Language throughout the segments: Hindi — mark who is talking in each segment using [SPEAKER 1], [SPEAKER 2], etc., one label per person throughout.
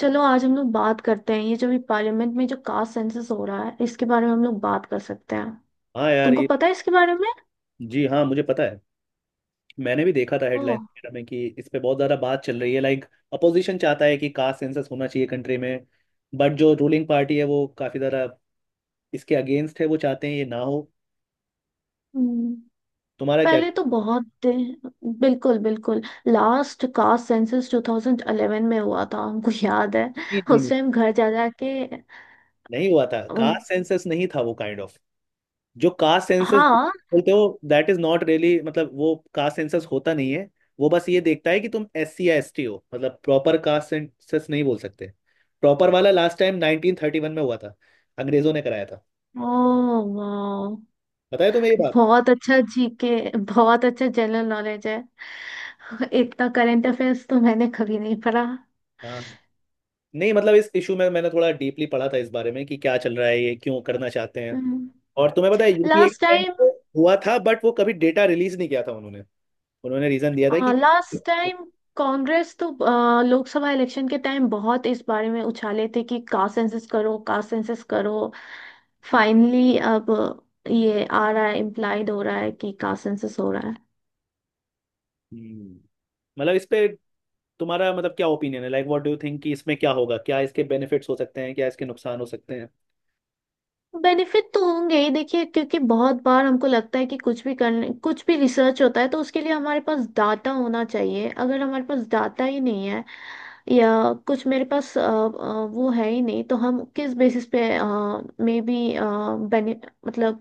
[SPEAKER 1] चलो आज हम लोग बात करते हैं। ये जो भी पार्लियामेंट में जो कास्ट सेंसस हो रहा है, इसके बारे में हम लोग बात कर सकते हैं।
[SPEAKER 2] हाँ यार
[SPEAKER 1] तुमको
[SPEAKER 2] ये।
[SPEAKER 1] पता है इसके बारे में?
[SPEAKER 2] जी हाँ, मुझे पता है। मैंने भी देखा था
[SPEAKER 1] ओ।
[SPEAKER 2] हेडलाइन वगैरह में कि इस पे बहुत ज़्यादा बात चल रही है, लाइक अपोजिशन चाहता है कि कास्ट सेंसस होना चाहिए कंट्री में। बट जो रूलिंग पार्टी है वो काफ़ी ज़्यादा इसके अगेंस्ट है, वो चाहते हैं ये ना हो।
[SPEAKER 1] हम्म,
[SPEAKER 2] तुम्हारा क्या?
[SPEAKER 1] पहले तो बिल्कुल बिल्कुल, लास्ट कास्ट सेंसस 2011 में हुआ था, हमको याद है।
[SPEAKER 2] नहीं नहीं
[SPEAKER 1] उस
[SPEAKER 2] नहीं।
[SPEAKER 1] टाइम घर जा जा के
[SPEAKER 2] नहीं हुआ था
[SPEAKER 1] अम,
[SPEAKER 2] कास्ट सेंसस, नहीं था वो काइंड ऑफ। जो कास्ट सेंसस
[SPEAKER 1] हाँ।
[SPEAKER 2] बोलते हो दैट इज नॉट रियली, मतलब वो कास्ट सेंसस होता नहीं है। वो बस ये देखता है कि तुम एस सी या एस टी हो, मतलब प्रॉपर कास्ट सेंसस नहीं बोल सकते। प्रॉपर वाला लास्ट टाइम 1931 में हुआ था, अंग्रेजों ने कराया था।
[SPEAKER 1] ओ, वाह,
[SPEAKER 2] पता है तुम्हें ये बात?
[SPEAKER 1] बहुत अच्छा जीके, बहुत अच्छा जनरल नॉलेज है। इतना करंट अफेयर्स तो मैंने कभी नहीं पढ़ा।
[SPEAKER 2] हाँ, नहीं मतलब इस इशू में मैंने थोड़ा डीपली पढ़ा था, इस बारे में कि क्या चल रहा है, ये क्यों करना चाहते हैं। और तुम्हें पता है यूपीए के
[SPEAKER 1] लास्ट
[SPEAKER 2] टाइम
[SPEAKER 1] टाइम।
[SPEAKER 2] पे हुआ था, बट वो कभी डेटा रिलीज नहीं किया था उन्होंने। उन्होंने रीजन दिया था कि।
[SPEAKER 1] लास्ट टाइम कांग्रेस तो लोकसभा इलेक्शन के टाइम बहुत इस बारे में उछाले थे कि कास्ट सेंसस करो, कास्ट सेंसस करो। फाइनली अब ये आ रहा है, इम्प्लाइड हो रहा है कि कास्ट सेंसस हो रहा है।
[SPEAKER 2] हम्म। मतलब इस पे तुम्हारा मतलब क्या ओपिनियन है, like what do you think, कि इसमें क्या होगा, क्या इसके बेनिफिट्स हो सकते हैं, क्या इसके नुकसान हो सकते हैं?
[SPEAKER 1] बेनिफिट तो होंगे ही, देखिए क्योंकि बहुत बार हमको लगता है कि कुछ भी करने, कुछ भी रिसर्च होता है तो उसके लिए हमारे पास डाटा होना चाहिए। अगर हमारे पास डाटा ही नहीं है या कुछ मेरे पास वो है ही नहीं, तो हम किस बेसिस पे मे बी मतलब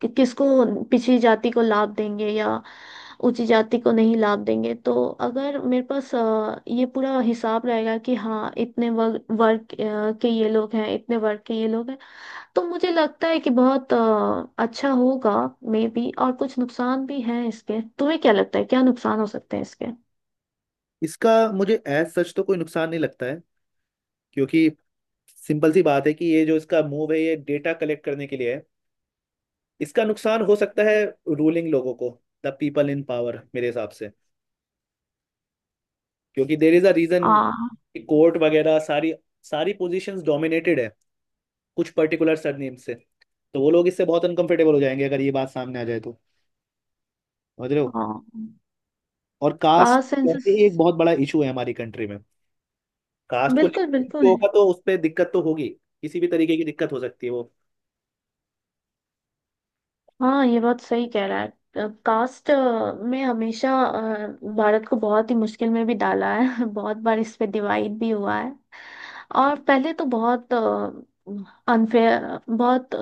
[SPEAKER 1] किसको पिछड़ी जाति को लाभ देंगे या ऊंची जाति को नहीं लाभ देंगे। तो अगर मेरे पास ये पूरा हिसाब रहेगा कि हाँ, इतने वर्ग वर्ग अ, के ये लोग हैं, इतने वर्ग के ये लोग हैं, तो मुझे लगता है कि बहुत अच्छा होगा। मे बी और कुछ नुकसान भी हैं इसके। तुम्हें क्या लगता है, क्या नुकसान हो सकते हैं इसके?
[SPEAKER 2] इसका मुझे एज सच तो कोई नुकसान नहीं लगता है। क्योंकि सिंपल सी बात है कि ये जो इसका मूव है ये डेटा कलेक्ट करने के लिए है। इसका नुकसान हो सकता है रूलिंग लोगों को, द पीपल इन पावर, मेरे हिसाब से। क्योंकि देर इज अ रीजन,
[SPEAKER 1] आ,
[SPEAKER 2] कोर्ट वगैरह सारी सारी पोजीशंस डोमिनेटेड है कुछ पर्टिकुलर सरनेम से। तो वो लोग इससे बहुत अनकंफर्टेबल हो जाएंगे अगर ये बात सामने आ जाए तो। समझ रहे हो?
[SPEAKER 1] हाँ,
[SPEAKER 2] और कास्ट
[SPEAKER 1] कास्ट सेंसस
[SPEAKER 2] करके एक बहुत बड़ा इशू है हमारी कंट्री में। कास्ट को
[SPEAKER 1] बिल्कुल
[SPEAKER 2] लेकर
[SPEAKER 1] बिल्कुल।
[SPEAKER 2] होगा तो उस पर दिक्कत तो होगी। किसी भी तरीके की दिक्कत हो सकती है वो।
[SPEAKER 1] हाँ, ये बात सही कह रहा है। कास्ट में हमेशा भारत को बहुत ही मुश्किल में भी डाला है बहुत बार इस पे डिवाइड भी हुआ है। और पहले तो बहुत अनफेयर, बहुत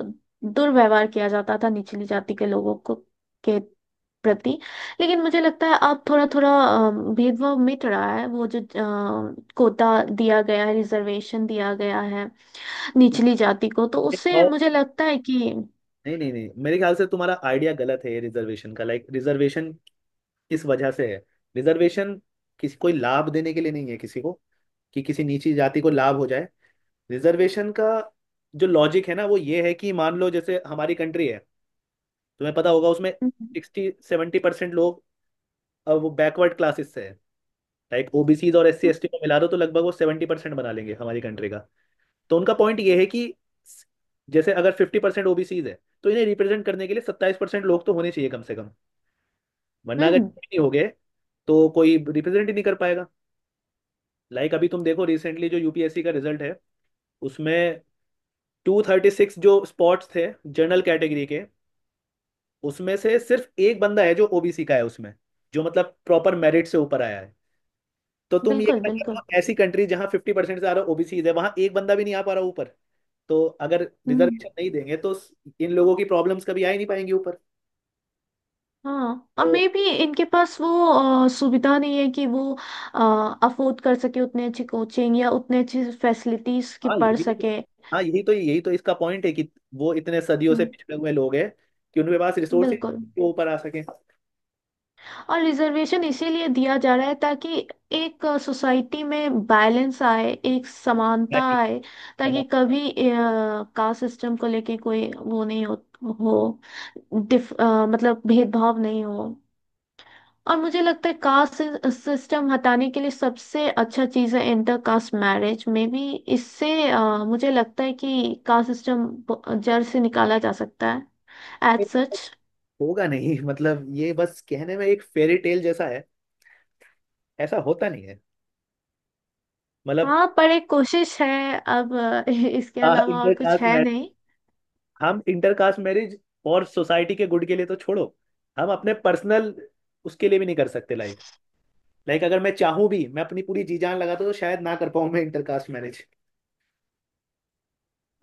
[SPEAKER 1] दुर्व्यवहार किया जाता था निचली जाति के लोगों को, के प्रति। लेकिन मुझे लगता है अब थोड़ा थोड़ा भेदभाव मिट रहा है। वो जो कोटा दिया गया है, रिजर्वेशन दिया गया है निचली जाति को, तो उससे
[SPEAKER 2] और-
[SPEAKER 1] मुझे लगता है कि
[SPEAKER 2] नहीं नहीं नहीं, मेरे ख्याल से तुम्हारा आइडिया गलत है रिजर्वेशन का, लाइक रिजर्वेशन किस वजह से है? रिजर्वेशन किसी कोई लाभ देने के लिए नहीं है किसी को, कि किसी नीची जाति को लाभ हो जाए। रिजर्वेशन का जो लॉजिक है ना वो ये है कि मान लो जैसे हमारी कंट्री है, तुम्हें पता होगा उसमें
[SPEAKER 1] हम्म।
[SPEAKER 2] 60-70% लोग वो बैकवर्ड क्लासेस से है। लाइक ओबीसी और एससी एसटी को मिला दो तो लगभग वो 70% बना लेंगे हमारी कंट्री का। तो उनका पॉइंट ये है कि जैसे अगर 50% ओबीसीज है, तो इन्हें रिप्रेजेंट करने के लिए 27% लोग तो होने चाहिए कम से कम। वरना अगर
[SPEAKER 1] हम्म,
[SPEAKER 2] ये नहीं हो गए तो कोई रिप्रेजेंट ही नहीं कर पाएगा। लाइक अभी तुम देखो रिसेंटली जो यूपीएससी का रिजल्ट है, उसमें 236 जो स्पॉट्स थे जनरल कैटेगरी के, उसमें से सिर्फ एक बंदा है जो ओबीसी का है उसमें, जो मतलब प्रॉपर मेरिट से ऊपर आया है। तो तुम ये
[SPEAKER 1] बिल्कुल
[SPEAKER 2] कहना चाह रहे
[SPEAKER 1] बिल्कुल।
[SPEAKER 2] हो, "हाँ, ऐसी कंट्री जहाँ 50% से ज्यादा ओबीसी है वहां एक बंदा भी नहीं आ पा रहा ऊपर।" तो अगर
[SPEAKER 1] हम्म,
[SPEAKER 2] रिजर्वेशन नहीं देंगे तो इन लोगों की प्रॉब्लम्स कभी आ ही नहीं पाएंगी ऊपर।
[SPEAKER 1] हाँ और
[SPEAKER 2] तो
[SPEAKER 1] मे भी इनके पास वो सुविधा नहीं है कि वो अफोर्ड कर सके उतने अच्छी कोचिंग या उतने अच्छी फैसिलिटीज की
[SPEAKER 2] हाँ, ये
[SPEAKER 1] पढ़
[SPEAKER 2] भी नहीं।
[SPEAKER 1] सके।
[SPEAKER 2] हाँ, यही तो इसका पॉइंट है कि वो इतने सदियों से
[SPEAKER 1] हम्म,
[SPEAKER 2] पिछड़े हुए लोग हैं कि उनके पास रिसोर्स ही नहीं
[SPEAKER 1] बिल्कुल।
[SPEAKER 2] है कि वो ऊपर आ सके।
[SPEAKER 1] और रिजर्वेशन इसीलिए दिया जा रहा है ताकि एक सोसाइटी में बैलेंस आए, एक समानता आए, ताकि
[SPEAKER 2] हमारे
[SPEAKER 1] कभी कास्ट सिस्टम को लेके कोई वो नहीं हो, हो मतलब भेदभाव नहीं हो। और मुझे लगता है कास्ट सिस्टम हटाने के लिए सबसे अच्छा चीज़ है इंटर कास्ट मैरिज। में भी इससे मुझे लगता है कि कास्ट सिस्टम जड़ से निकाला जा सकता है एज सच।
[SPEAKER 2] होगा नहीं मतलब ये बस कहने में एक फेरी टेल जैसा है, ऐसा होता नहीं है। मतलब
[SPEAKER 1] हाँ पर एक कोशिश है अब इसके अलावा और कुछ है नहीं।
[SPEAKER 2] हम इंटरकास्ट मैरिज और सोसाइटी के गुड के लिए तो छोड़ो, हम अपने पर्सनल उसके लिए भी नहीं कर सकते। लाइक लाइक अगर मैं चाहूँ भी, मैं अपनी पूरी जी जान लगा तो शायद ना कर पाऊँ मैं इंटरकास्ट मैरिज।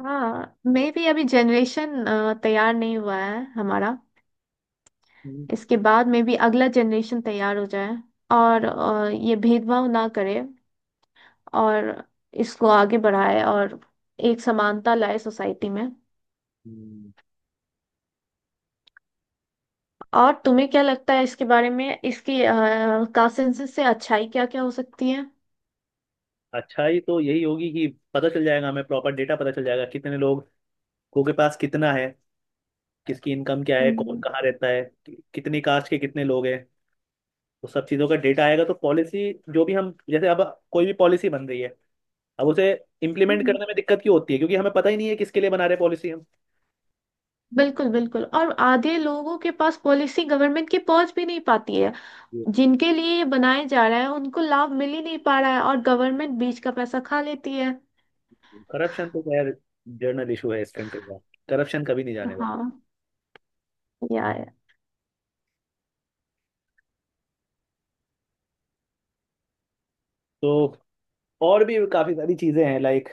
[SPEAKER 1] हाँ मे भी अभी जनरेशन तैयार नहीं हुआ है हमारा।
[SPEAKER 2] हम्म।
[SPEAKER 1] इसके बाद मे भी अगला जनरेशन तैयार हो जाए और ये भेदभाव ना करे और इसको आगे बढ़ाए और एक समानता लाए सोसाइटी में।
[SPEAKER 2] हम्म।
[SPEAKER 1] और तुम्हें क्या लगता है इसके बारे में, इसकी कॉन्सेंसस से अच्छाई क्या क्या हो सकती है?
[SPEAKER 2] अच्छा ही तो यही होगी कि पता चल जाएगा, हमें प्रॉपर डेटा पता चल जाएगा कितने लोग को के पास कितना है, किसकी इनकम क्या है, कौन
[SPEAKER 1] हम्म।
[SPEAKER 2] कहाँ रहता है, कितनी कास्ट के कितने लोग हैं। तो सब चीज़ों का डेटा आएगा तो पॉलिसी जो भी, हम जैसे अब कोई भी पॉलिसी बन रही है, अब उसे इम्प्लीमेंट
[SPEAKER 1] हम्म,
[SPEAKER 2] करने में दिक्कत क्यों होती है? क्योंकि हमें पता ही नहीं है किसके लिए बना रहे पॉलिसी हम।
[SPEAKER 1] बिल्कुल बिल्कुल। और आधे लोगों के पास पॉलिसी गवर्नमेंट की पहुंच भी नहीं पाती है। जिनके लिए ये बनाया जा रहा है उनको लाभ मिल ही नहीं पा रहा है और गवर्नमेंट बीच का पैसा खा लेती है।
[SPEAKER 2] करप्शन तो खैर जर्नल इशू है इस कंट्री का, करप्शन कभी नहीं जाने वाला।
[SPEAKER 1] हाँ, यार।
[SPEAKER 2] तो और भी काफी सारी चीजें हैं, लाइक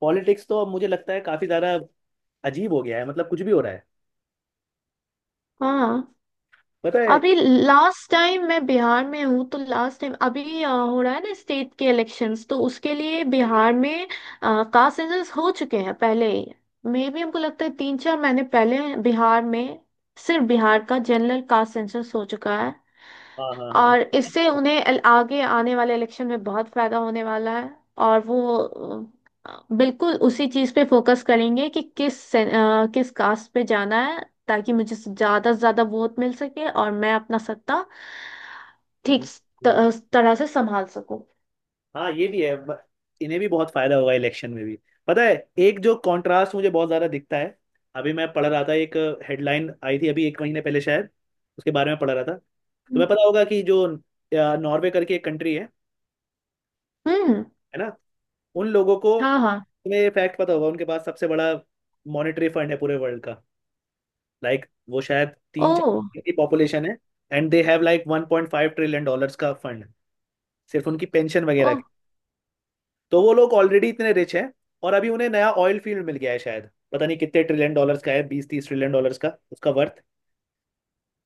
[SPEAKER 2] पॉलिटिक्स तो अब मुझे लगता है काफी ज्यादा अजीब हो गया है, मतलब कुछ भी हो रहा है।
[SPEAKER 1] हाँ,
[SPEAKER 2] पता है?
[SPEAKER 1] अभी लास्ट टाइम मैं बिहार में हूँ, तो लास्ट टाइम अभी हो रहा है ना स्टेट के इलेक्शंस, तो उसके लिए बिहार में कास्ट सेंसस हो चुके हैं पहले ही। मे भी हमको लगता है तीन चार महीने पहले बिहार में सिर्फ बिहार का जनरल कास्ट सेंसस हो चुका है।
[SPEAKER 2] हाँ हाँ हाँ।
[SPEAKER 1] और इससे उन्हें आगे आने वाले इलेक्शन में बहुत फायदा होने वाला है। और वो बिल्कुल उसी चीज पे फोकस करेंगे कि किस कास्ट पे जाना है, ताकि मुझे से ज्यादा वोट मिल सके और मैं अपना सत्ता ठीक
[SPEAKER 2] हम्म,
[SPEAKER 1] तरह से संभाल सकूं।
[SPEAKER 2] हाँ ये भी है। इन्हें भी बहुत फायदा होगा इलेक्शन में भी। पता है, एक जो कंट्रास्ट मुझे बहुत ज्यादा दिखता है, अभी मैं पढ़ रहा था, एक हेडलाइन आई थी अभी एक महीने पहले शायद, उसके बारे में पढ़ रहा था। तुम्हें पता होगा कि जो नॉर्वे करके एक कंट्री है
[SPEAKER 1] हम्म।
[SPEAKER 2] है ना? उन लोगों को,
[SPEAKER 1] हाँ, हाँ।
[SPEAKER 2] तुम्हें ये फैक्ट पता होगा, उनके पास सबसे बड़ा मॉनेटरी फंड है पूरे वर्ल्ड का। लाइक वो शायद
[SPEAKER 1] ओ।
[SPEAKER 2] तीन चार की पॉपुलेशन है, and they have like 1.5 trillion dollars का फंड सिर्फ उनकी पेंशन
[SPEAKER 1] ओ,
[SPEAKER 2] वगैरह की। तो वो लोग ऑलरेडी इतने रिच हैं, और अभी उन्हें नया ऑयल फील्ड मिल गया है शायद, पता नहीं कितने ट्रिलियन डॉलर्स का है, 20-30 ट्रिलियन डॉलर्स का उसका वर्थ।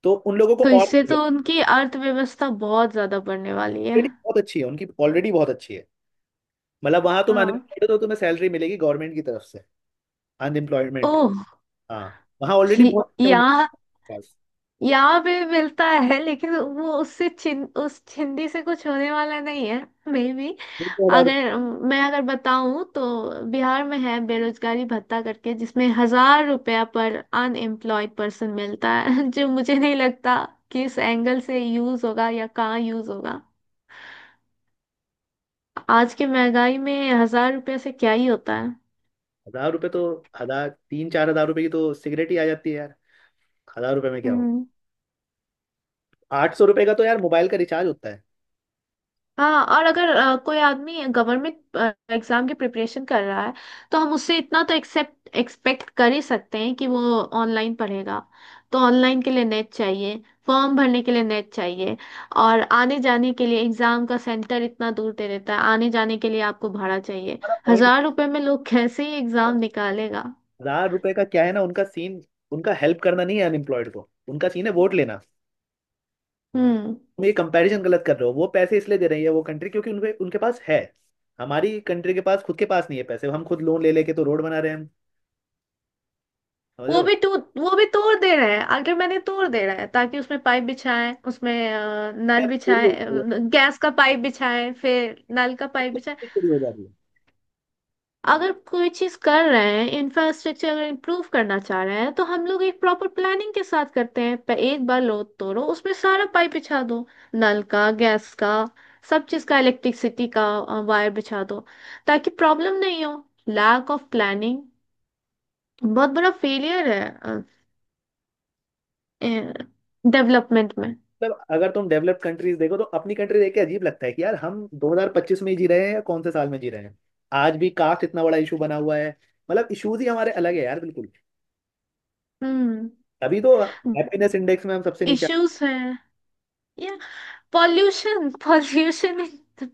[SPEAKER 2] तो उन लोगों को
[SPEAKER 1] तो
[SPEAKER 2] और
[SPEAKER 1] इससे तो उनकी अर्थव्यवस्था बहुत ज्यादा बढ़ने वाली है।
[SPEAKER 2] ऑलरेडी बहुत अच्छी है उनकी, ऑलरेडी बहुत अच्छी है। मतलब वहां तुम
[SPEAKER 1] हाँ।
[SPEAKER 2] अनएम्प्लॉयड हो तो तुम्हें सैलरी मिलेगी गवर्नमेंट की तरफ से, अनएम्प्लॉयमेंट।
[SPEAKER 1] ओह।
[SPEAKER 2] हाँ। वहाँ ऑलरेडी बहुत है
[SPEAKER 1] यहाँ,
[SPEAKER 2] उनके पास।
[SPEAKER 1] यहाँ पे मिलता है लेकिन वो उससे चिन उस चिंदी से कुछ होने वाला नहीं है। मे बी
[SPEAKER 2] दो।
[SPEAKER 1] अगर मैं अगर बताऊं तो बिहार में है बेरोजगारी भत्ता करके, जिसमें हजार रुपया पर अनएम्प्लॉयड पर्सन मिलता है जो मुझे नहीं लगता किस एंगल से यूज होगा या कहाँ यूज होगा। आज की महंगाई में हजार रुपया से क्या ही होता है?
[SPEAKER 2] 1,000 रुपए तो, हजार, 3-4 हजार रुपए की तो सिगरेट ही आ जाती है यार। 1,000 रुपए में क्या हो?
[SPEAKER 1] हम्म।
[SPEAKER 2] 800 रुपए का तो यार मोबाइल का रिचार्ज होता है।
[SPEAKER 1] हाँ, और अगर कोई आदमी गवर्नमेंट एग्जाम की प्रिपरेशन कर रहा है, तो हम उससे इतना तो एक्सेप्ट एक्सपेक्ट कर ही सकते हैं कि वो ऑनलाइन पढ़ेगा। तो ऑनलाइन के लिए नेट चाहिए, फॉर्म भरने के लिए नेट चाहिए, और आने जाने के लिए एग्जाम का सेंटर इतना दूर दे देता है, आने जाने के लिए आपको भाड़ा चाहिए।
[SPEAKER 2] हमारा point ये
[SPEAKER 1] हजार रुपए में लोग कैसे ही
[SPEAKER 2] है।
[SPEAKER 1] एग्जाम निकालेगा?
[SPEAKER 2] 1,000 रुपए का क्या है ना, उनका सीन उनका हेल्प करना नहीं है अनएम्प्लॉयड को, उनका सीन है वोट लेना।
[SPEAKER 1] हम्म।
[SPEAKER 2] तुम ये कंपैरिजन गलत कर रहे हो, वो पैसे इसलिए दे रही है वो कंट्री क्योंकि उनके उनके पास है। हमारी कंट्री के पास खुद के पास नहीं है पैसे, हम खुद लोन ले लेके तो रोड बना रहे हैं हम। समझ रहे
[SPEAKER 1] वो
[SPEAKER 2] हो?
[SPEAKER 1] भी टू वो भी तोड़ दे रहे हैं, अगर मैंने तोड़ दे रहा है ताकि उसमें पाइप बिछाएं, उसमें नल
[SPEAKER 2] यार चोरी हो रही
[SPEAKER 1] बिछाएं, गैस का पाइप बिछाएं, फिर नल का पाइप बिछाएं।
[SPEAKER 2] है, चोरी हो जा रही है।
[SPEAKER 1] अगर कोई चीज कर रहे हैं, इंफ्रास्ट्रक्चर अगर इम्प्रूव करना चाह रहे हैं, तो हम लोग एक प्रॉपर प्लानिंग के साथ करते हैं। एक बार लो, तोड़ो, उसमें सारा पाइप बिछा दो, नल का, गैस का, सब चीज का, इलेक्ट्रिसिटी का वायर बिछा दो ताकि प्रॉब्लम नहीं हो। लैक ऑफ प्लानिंग बहुत बड़ा फेलियर है डेवलपमेंट में।
[SPEAKER 2] मतलब अगर तुम डेवलप्ड कंट्रीज देखो तो अपनी कंट्री देख के अजीब लगता है कि यार हम 2025 में ही जी रहे हैं या कौन से साल में जी रहे हैं। आज भी कास्ट इतना बड़ा इशू बना हुआ है। मतलब इश्यूज ही हमारे अलग है यार, बिल्कुल।
[SPEAKER 1] हम्म।
[SPEAKER 2] तभी तो हैप्पीनेस इंडेक्स में हम सबसे नीचे।
[SPEAKER 1] इश्यूज है, या पॉल्यूशन, पॉल्यूशन,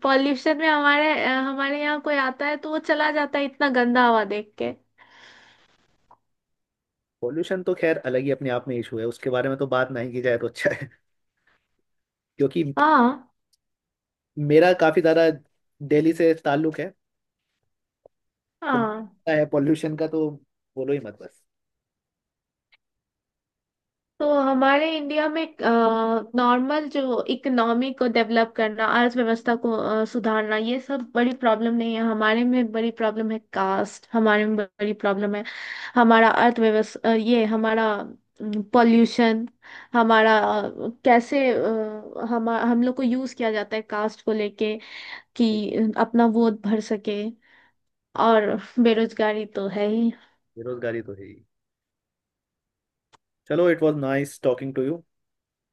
[SPEAKER 1] पॉल्यूशन में हमारे हमारे यहाँ कोई आता है तो वो चला जाता है इतना गंदा हवा देख के।
[SPEAKER 2] पॉल्यूशन तो खैर अलग ही अपने आप में इशू है, उसके बारे में तो बात नहीं की जाए तो अच्छा है क्योंकि
[SPEAKER 1] हाँ,
[SPEAKER 2] मेरा काफी ज्यादा दिल्ली से ताल्लुक है, तो मुझे
[SPEAKER 1] हाँ।
[SPEAKER 2] पता है, पॉल्यूशन का तो बोलो ही मत बस।
[SPEAKER 1] तो हमारे इंडिया में नॉर्मल जो इकोनॉमी को डेवलप करना, अर्थव्यवस्था को सुधारना, ये सब बड़ी प्रॉब्लम नहीं है। हमारे में बड़ी प्रॉब्लम है कास्ट, हमारे में बड़ी प्रॉब्लम है हमारा अर्थव्यवस्था, ये हमारा पॉल्यूशन, हमारा कैसे हम लोग को यूज किया जाता है कास्ट को लेके कि अपना वोट भर सके, और बेरोजगारी तो है ही।
[SPEAKER 2] बेरोजगारी तो है ही। चलो, it was nice talking to you.